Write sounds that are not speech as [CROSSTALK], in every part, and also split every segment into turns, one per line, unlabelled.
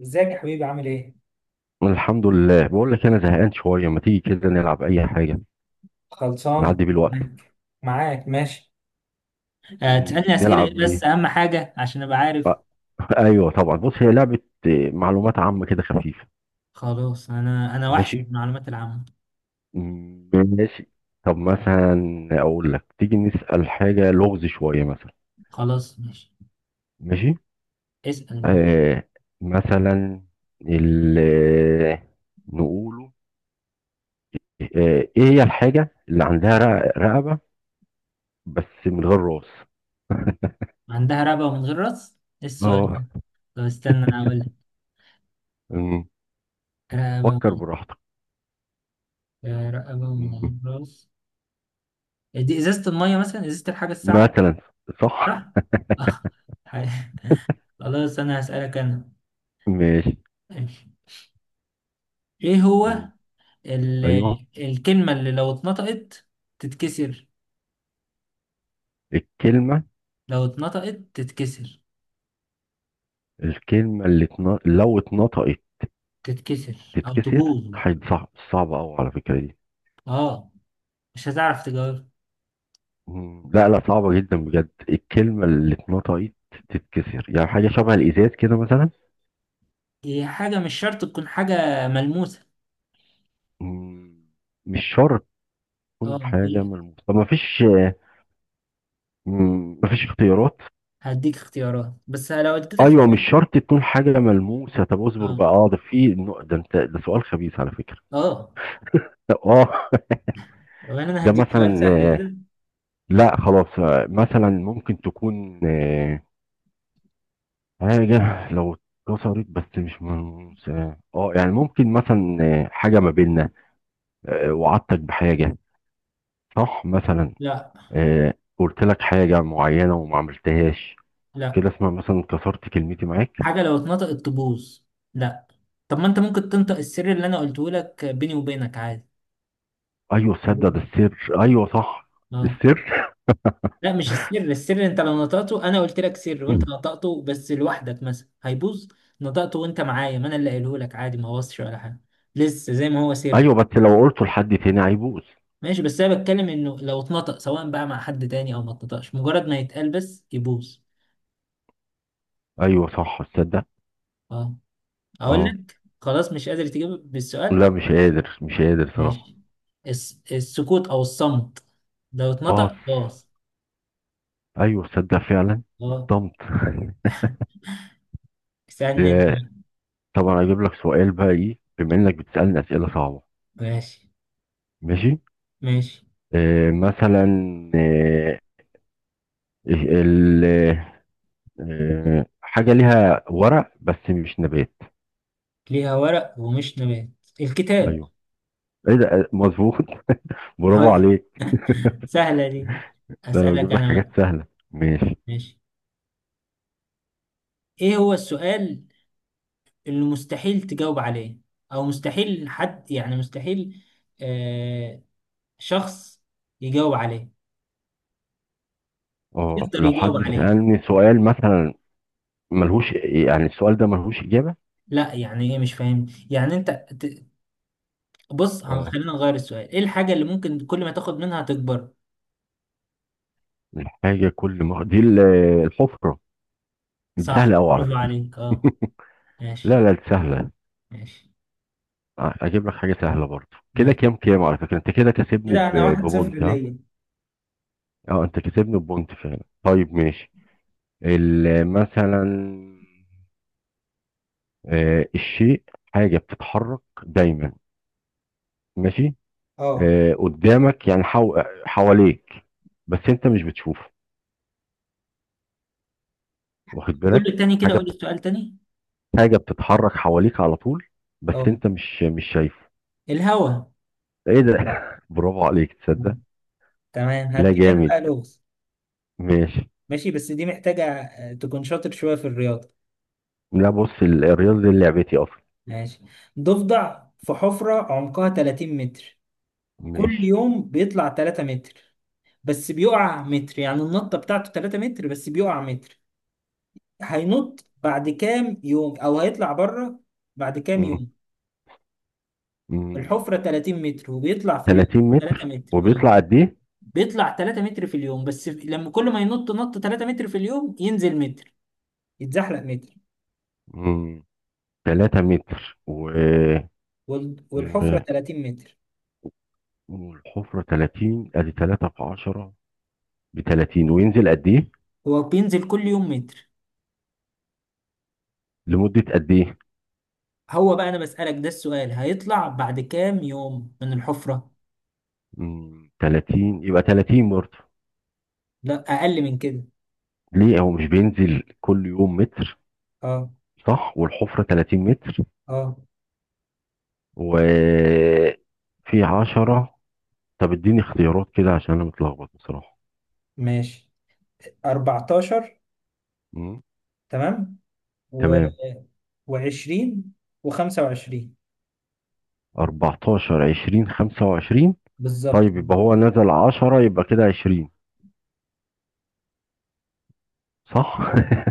ازيك يا حبيبي عامل ايه؟
الحمد لله، بقول لك انا زهقان شويه. ما تيجي كده نلعب اي حاجه
خلصان.
نعدي بيه الوقت؟
معاك. معاك، ماشي. آه، تسألني أسئلة
نلعب
إيه بس
ايه؟
أهم حاجة عشان أبقى عارف.
آه، [LAUGHS] ايوه طبعا، بص هي لعبه. معلومات عامه كده خفيفه.
خلاص أنا وحش من
ماشي.
المعلومات العامة.
ماشي. طب مثلا اقول لك، تيجي نسال حاجه، لغز شويه مثلا.
خلاص ماشي.
ماشي.
اسأل ماشي.
آه مثلا، ال نقوله. ايه هي الحاجه اللي عندها رقبه بس من غير راس؟
عندها رقبة ومن غير راس؟ إيه السؤال
اه.
ده؟ طب استنى أنا أقول لك.
م،
رقبة
فكر
ومن-
براحتك.
آه، رقبة ومن غير راس، دي إزازة المية مثلا، إزازة الحاجة الساقعة.
مثلا. صح.
صح؟ آه. حي- خلاص أنا هسألك أنا.
ماشي.
ماشي. إيه هو
مم.
ال...
ايوه.
الكلمة اللي لو اتنطقت تتكسر؟
الكلمه
لو اتنطقت تتكسر.
الكلمه اللي لو اتنطقت
تتكسر او
تتكسر،
تبوظ.
هيبقى صعبه قوي على فكره دي.
اه، مش هتعرف تجاوب.
مم. لا لا، صعبه جدا بجد. الكلمه اللي اتنطقت تتكسر، يعني حاجه شبه الازاز كده مثلا.
هي حاجة مش شرط تكون حاجة ملموسة.
مم. مش شرط
اه
تكون حاجه
هديك.
ملموسه. طب ما فيش اختيارات؟
اختيارات بس لو اديتك.
ايوه مش شرط تكون حاجه ملموسه. طب اصبر
اه.
بقى. اه ده في ده، انت ده سؤال خبيث على فكره.
اه.
اه. [LAUGHS]
وانا
ده
هديك سؤال سهل
مثلا،
كده.
لا خلاص. مثلا ممكن تكون حاجة لو اتكسرت، بس مش من يعني ممكن مثلا حاجة ما بيننا، وعدتك بحاجة صح مثلا،
لا
قلت لك حاجة معينة وما عملتهاش،
لا،
كده اسمها مثلا كسرت كلمتي معاك.
حاجة لو اتنطقت تبوظ. لا. طب ما انت ممكن تنطق السر اللي انا قلته لك بيني وبينك عادي.
ايوه تصدق، ده السر، ايوه صح.
اه.
السر.
لا مش السر، السر انت لو نطقته، انا قلت لك سر وانت نطقته بس لوحدك مثلا هيبوظ. نطقته وانت معايا ما انا اللي قايله لك عادي، ما بوظش ولا حاجه، لسه زي ما هو سر.
ايوه بس لو قلته لحد تاني هيبوظ.
ماشي، بس انا بتكلم انه لو اتنطق سواء بقى مع حد تاني او ما اتنطقش، مجرد ما يتقال بس يبوظ.
ايوه صح تصدق.
اه. اقول
اه
لك خلاص مش قادر تجيب بالسؤال.
لا، مش قادر مش قادر صراحة.
ماشي. السكوت او الصمت لو
اه
اتنطق باظ.
ايوه تصدق فعلا.
اه.
الطمط. [LAUGHS]
اسالني انت.
آه، طبعا اجيب لك سؤال بقى، ايه بما انك بتسالني اسئله صعبه.
ماشي.
ماشي.
ماشي.
مثلا آه إيه، ال آه حاجه ليها ورق بس مش نبات.
ليها ورق ومش نبات؟ الكتاب.
ايوه، ايه ده! مظبوط. [LAUGHS] برافو
[LAUGHS]
عليك.
سهلة دي.
ده انا
هسألك
بجيب لك
أنا
حاجات
بقى.
سهله. ماشي.
ماشي. إيه هو السؤال اللي مستحيل تجاوب عليه، أو مستحيل حد، يعني مستحيل، آه، شخص يجاوب عليه،
اه
يقدر
لو
يجاوب
حد
عليه.
سالني سؤال مثلا ملهوش، يعني السؤال ده ملهوش اجابه.
لا يعني إيه، مش فاهم، يعني بص
اه.
خلينا نغير السؤال. إيه الحاجة اللي ممكن كل ما تاخد منها تكبر؟
الحاجه كل ما دي الحفره. دي سهله
صح،
قوي على
برافو
فكره.
عليك، أه.
[LAUGHS] لا
ماشي.
لا دي سهلة.
ماشي.
أجيب لك حاجة سهلة برضه. كده،
ماشي.
كام على فكرة، أنت كده كسبني
كده أنا واحد صفر
ببونت، ها.
ليا.
أه أنت كسبني ببونت فعلا. طيب ماشي. مثلا، الشيء، حاجة بتتحرك دايما. ماشي.
أه،
قدامك يعني حواليك، بس أنت مش بتشوفه، واخد
قول لي
بالك؟
تاني كده،
حاجة
قول لي
بت-
السؤال تاني.
حاجة بتتحرك حواليك على طول، بس
أه،
أنت مش شايفه.
الهوا.
إيه ده! [LAUGHS] برافو عليك تصدق.
تمام.
لا
هديك انا
جامد.
بقى لغز.
ماشي.
ماشي، بس دي محتاجة آه، تكون شاطر شوية في الرياضة.
لا بص الرياضة دي لعبتي أصلا.
ماشي. ضفدع في حفرة عمقها 30 متر. كل
ماشي.
يوم بيطلع 3 متر بس بيقع متر. يعني النطة بتاعته 3 متر بس بيقع متر. هينط بعد كام يوم او هيطلع بره؟ بعد كام
مم.
يوم؟
مم.
الحفرة 30 متر وبيطلع في اليوم
30
3
متر،
متر، اه.
وبيطلع قد ايه؟
بيطلع 3 متر في اليوم، بس لما كل ما ينط نط 3 متر في اليوم ينزل متر، يتزحلق متر.
مم. 3 متر
والحفرة
و...
30 متر.
والحفرة 30، ادي 3 في 10 ب 30. وينزل قد ايه؟
هو بينزل كل يوم متر.
لمدة قد ايه؟
هو بقى انا بسألك، ده السؤال، هيطلع بعد كام يوم من الحفرة.
مم. 30 يبقى 30 برضه.
لا، اقل من كده.
ليه هو مش بينزل كل يوم متر،
اه.
صح؟ والحفرة 30 متر،
اه.
وفي 10. طب اديني اختيارات كده عشان انا متلخبط بصراحة.
ماشي، 14،
مم.
تمام، و،
تمام.
و20، و25.
14، 20، 25.
بالظبط.
طيب يبقى هو نزل 10، يبقى كده 20، صح؟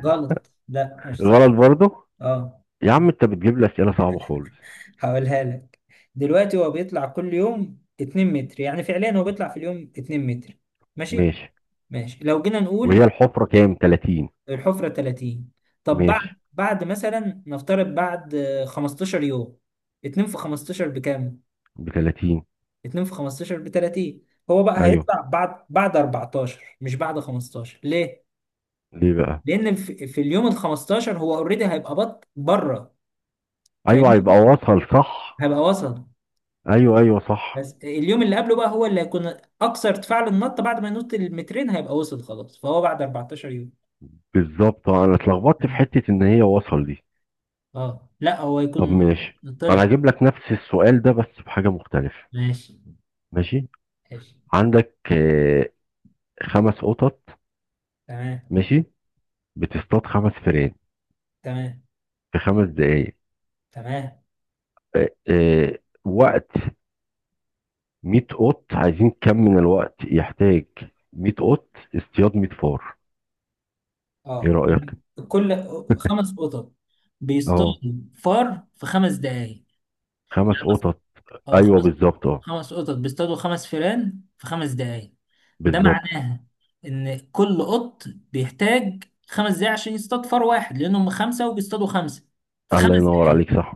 غلط، لا
[LAUGHS]
مش صح.
الولد برضه.
اه.
يا عم انت بتجيب لي اسئله صعبه خالص.
هقولها لك. دلوقتي هو بيطلع كل يوم 2 متر، يعني فعليا هو بيطلع في اليوم 2 متر. ماشي.
ماشي.
ماشي، لو جينا
وهي
نقول
الحفره كام، 30؟
الحفرة 30. طب بعد
ماشي.
بعد مثلا، نفترض بعد آه، 15 يوم. 2 في 15 بكام؟
ب 30.
2 في 15 ب 30. هو بقى
ايوه.
هيطلع بعد بعد 14، مش بعد 15، ليه؟
ليه بقى؟
لأن في اليوم ال 15 هو اوريدي هيبقى بط بره،
ايوه هيبقى
فاهمني؟
وصل، صح.
هيبقى وصل.
ايوه صح
بس اليوم اللي قبله بقى هو اللي هيكون أكثر ارتفاع للنط، بعد ما ينط المترين هيبقى وصل خلاص، فهو بعد 14 يوم.
بالظبط. انا اتلخبطت في
تمام.
حته ان هي وصل دي.
اه لا، هو
طب
يكون
ماشي. انا
طلع.
هجيب لك نفس السؤال ده بس بحاجه مختلفه.
ماشي.
ماشي.
ماشي.
عندك خمس قطط،
تمام.
ماشي، بتصطاد خمس فئران
تمام.
في خمس دقايق.
تمام.
آه، آه، وقت 100 قط، عايزين كم من الوقت يحتاج 100 قط اصطياد 100 فار؟ ايه
اه.
رأيك؟
يعني كل خمس قطط بيصطادوا
اه
فار في خمس دقايق،
خمس
يعني مثلا،
قطط.
اه
ايوه
خمس،
بالظبط. اه
قطط بيصطادوا خمس فئران في خمس دقايق. ده
بالظبط.
معناها ان كل قط بيحتاج خمس دقايق عشان يصطاد فار واحد، لانهم خمسه وبيصطادوا خمسه في
الله
خمس
ينور
دقايق.
عليك، صح.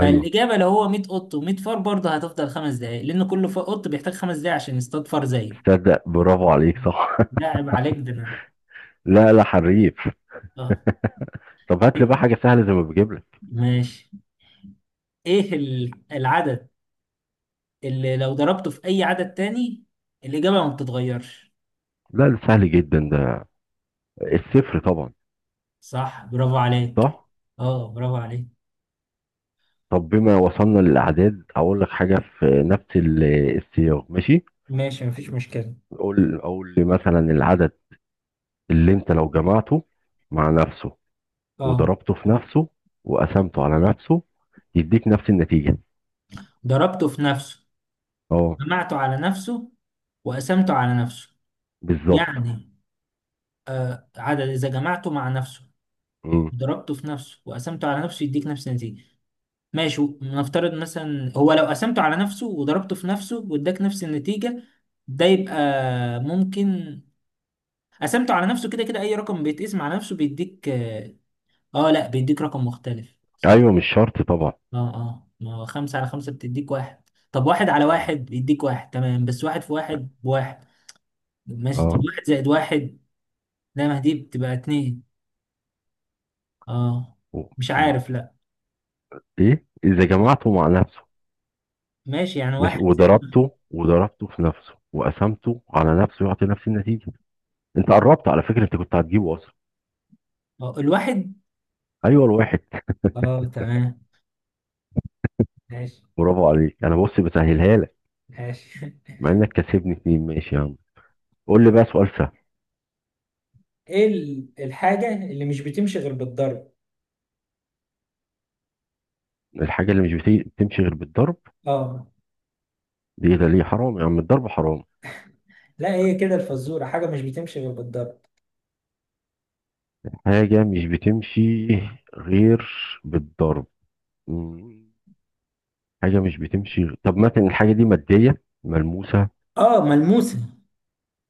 ايوه
لو هو 100 قط و100 فار، برضه هتفضل خمس دقايق، لان كل قط بيحتاج خمس دقايق عشان يصطاد فار زيه.
تصدق، برافو عليك، صح.
ده عيب عليك،
[LAUGHS] لا لا حريف.
اه.
طب هات لي بقى حاجة سهلة زي ما بجيب لك.
ماشي. ايه العدد اللي لو ضربته في اي عدد تاني الاجابه ما بتتغيرش؟
لا ده سهل جدا ده، الصفر طبعا.
صح، برافو عليك.
صح.
اه، برافو عليك.
طب بما وصلنا للأعداد، أقول لك حاجة في نفس السياق. ماشي.
ماشي، مفيش مشكله.
قول لي مثلا العدد اللي أنت لو جمعته مع نفسه
اه.
وضربته في نفسه وقسمته على نفسه يديك نفس النتيجة.
ضربته في نفسه،
اه
جمعته على نفسه، وقسمته على نفسه.
بالظبط.
يعني عدد اذا جمعته مع نفسه،
مم.
ضربته في نفسه، وقسمته على نفسه، يديك نفس النتيجه. ماشي، نفترض مثلا هو لو قسمته على نفسه وضربته في نفسه واداك نفس النتيجه، ده يبقى ممكن. قسمته على نفسه، كده كده اي رقم بيتقسم على نفسه بيديك اه، آه، لا، بيديك رقم مختلف صح.
ايوه مش شرط طبعا.
اه، اه، ما هو خمسة على خمسة بتديك واحد. طب واحد على واحد بيديك واحد، تمام، بس واحد في واحد بواحد. ماشي، طب
اه.
واحد زائد واحد، لا، ما دي بتبقى اتنين. اه.
و-
مش
مم.
عارف، لا.
ايه اذا جمعته مع نفسه،
ماشي، يعني
ماشي،
واحد.
وضربته في نفسه وقسمته على نفسه يعطي نفس النتيجة. انت قربت على فكرة، انت كنت هتجيبه اصلا.
آه، الواحد.
ايوه الواحد.
اه تمام. ماشي.
برافو عليك، انا بص بسهلها لك،
ماشي.
مع انك كسبني اتنين. ماشي يا عم، قول لي بقى سؤال سهل.
[LAUGHS] ايه الحاجة اللي مش بتمشي غير بالضرب؟
الحاجة اللي مش بتمشي غير بالضرب،
اه
دي ده ليه؟ حرام يا عم، الضرب حرام.
لا، هي كده الفزورة، حاجة مش بتمشي غير بالضرب.
حاجة مش بتمشي غير بالضرب. مم. حاجة مش بتمشي. طب مثلا الحاجة دي مادية ملموسة؟
اه، ملموسة.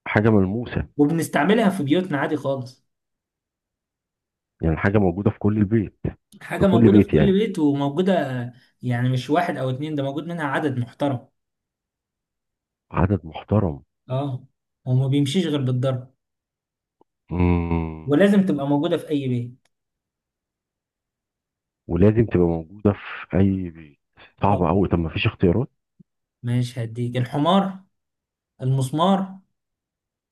حاجة ملموسة،
وبنستعملها في بيوتنا عادي خالص.
يعني حاجة موجودة في كل البيت. في
حاجة
كل
موجودة في
بيت
كل
يعني.
بيت، وموجودة. يعني مش واحد أو اتنين، ده موجود منها عدد محترم.
عدد محترم.
اه. وما بيمشيش غير بالضرب.
مم.
ولازم تبقى موجودة في أي بيت.
ولازم تبقى موجودة في أي بيت.
اه.
صعبة أوي، طب ما فيش اختيارات؟
ماشي، هديك، الحمار، المسمار،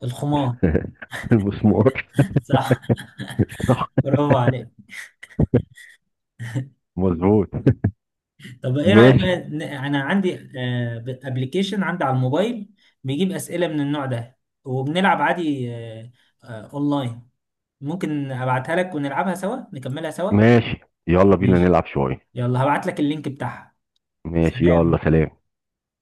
الخمار.
[LAUGHS] المسمار.
[LAUGHS] صح،
صح.
برافو عليك.
مظبوط.
طب إيه رأيك
ماشي.
بقى، أنا عندي أبلكيشن عندي على الموبايل بيجيب أسئلة من النوع ده وبنلعب عادي آه، آه، أونلاين. ممكن أبعتها لك ونلعبها سوا، نكملها سوا.
ماشي يلا بينا
ماشي،
نلعب شوية.
يلا هبعت لك اللينك بتاعها.
ماشي يلا
سلام.
سلام.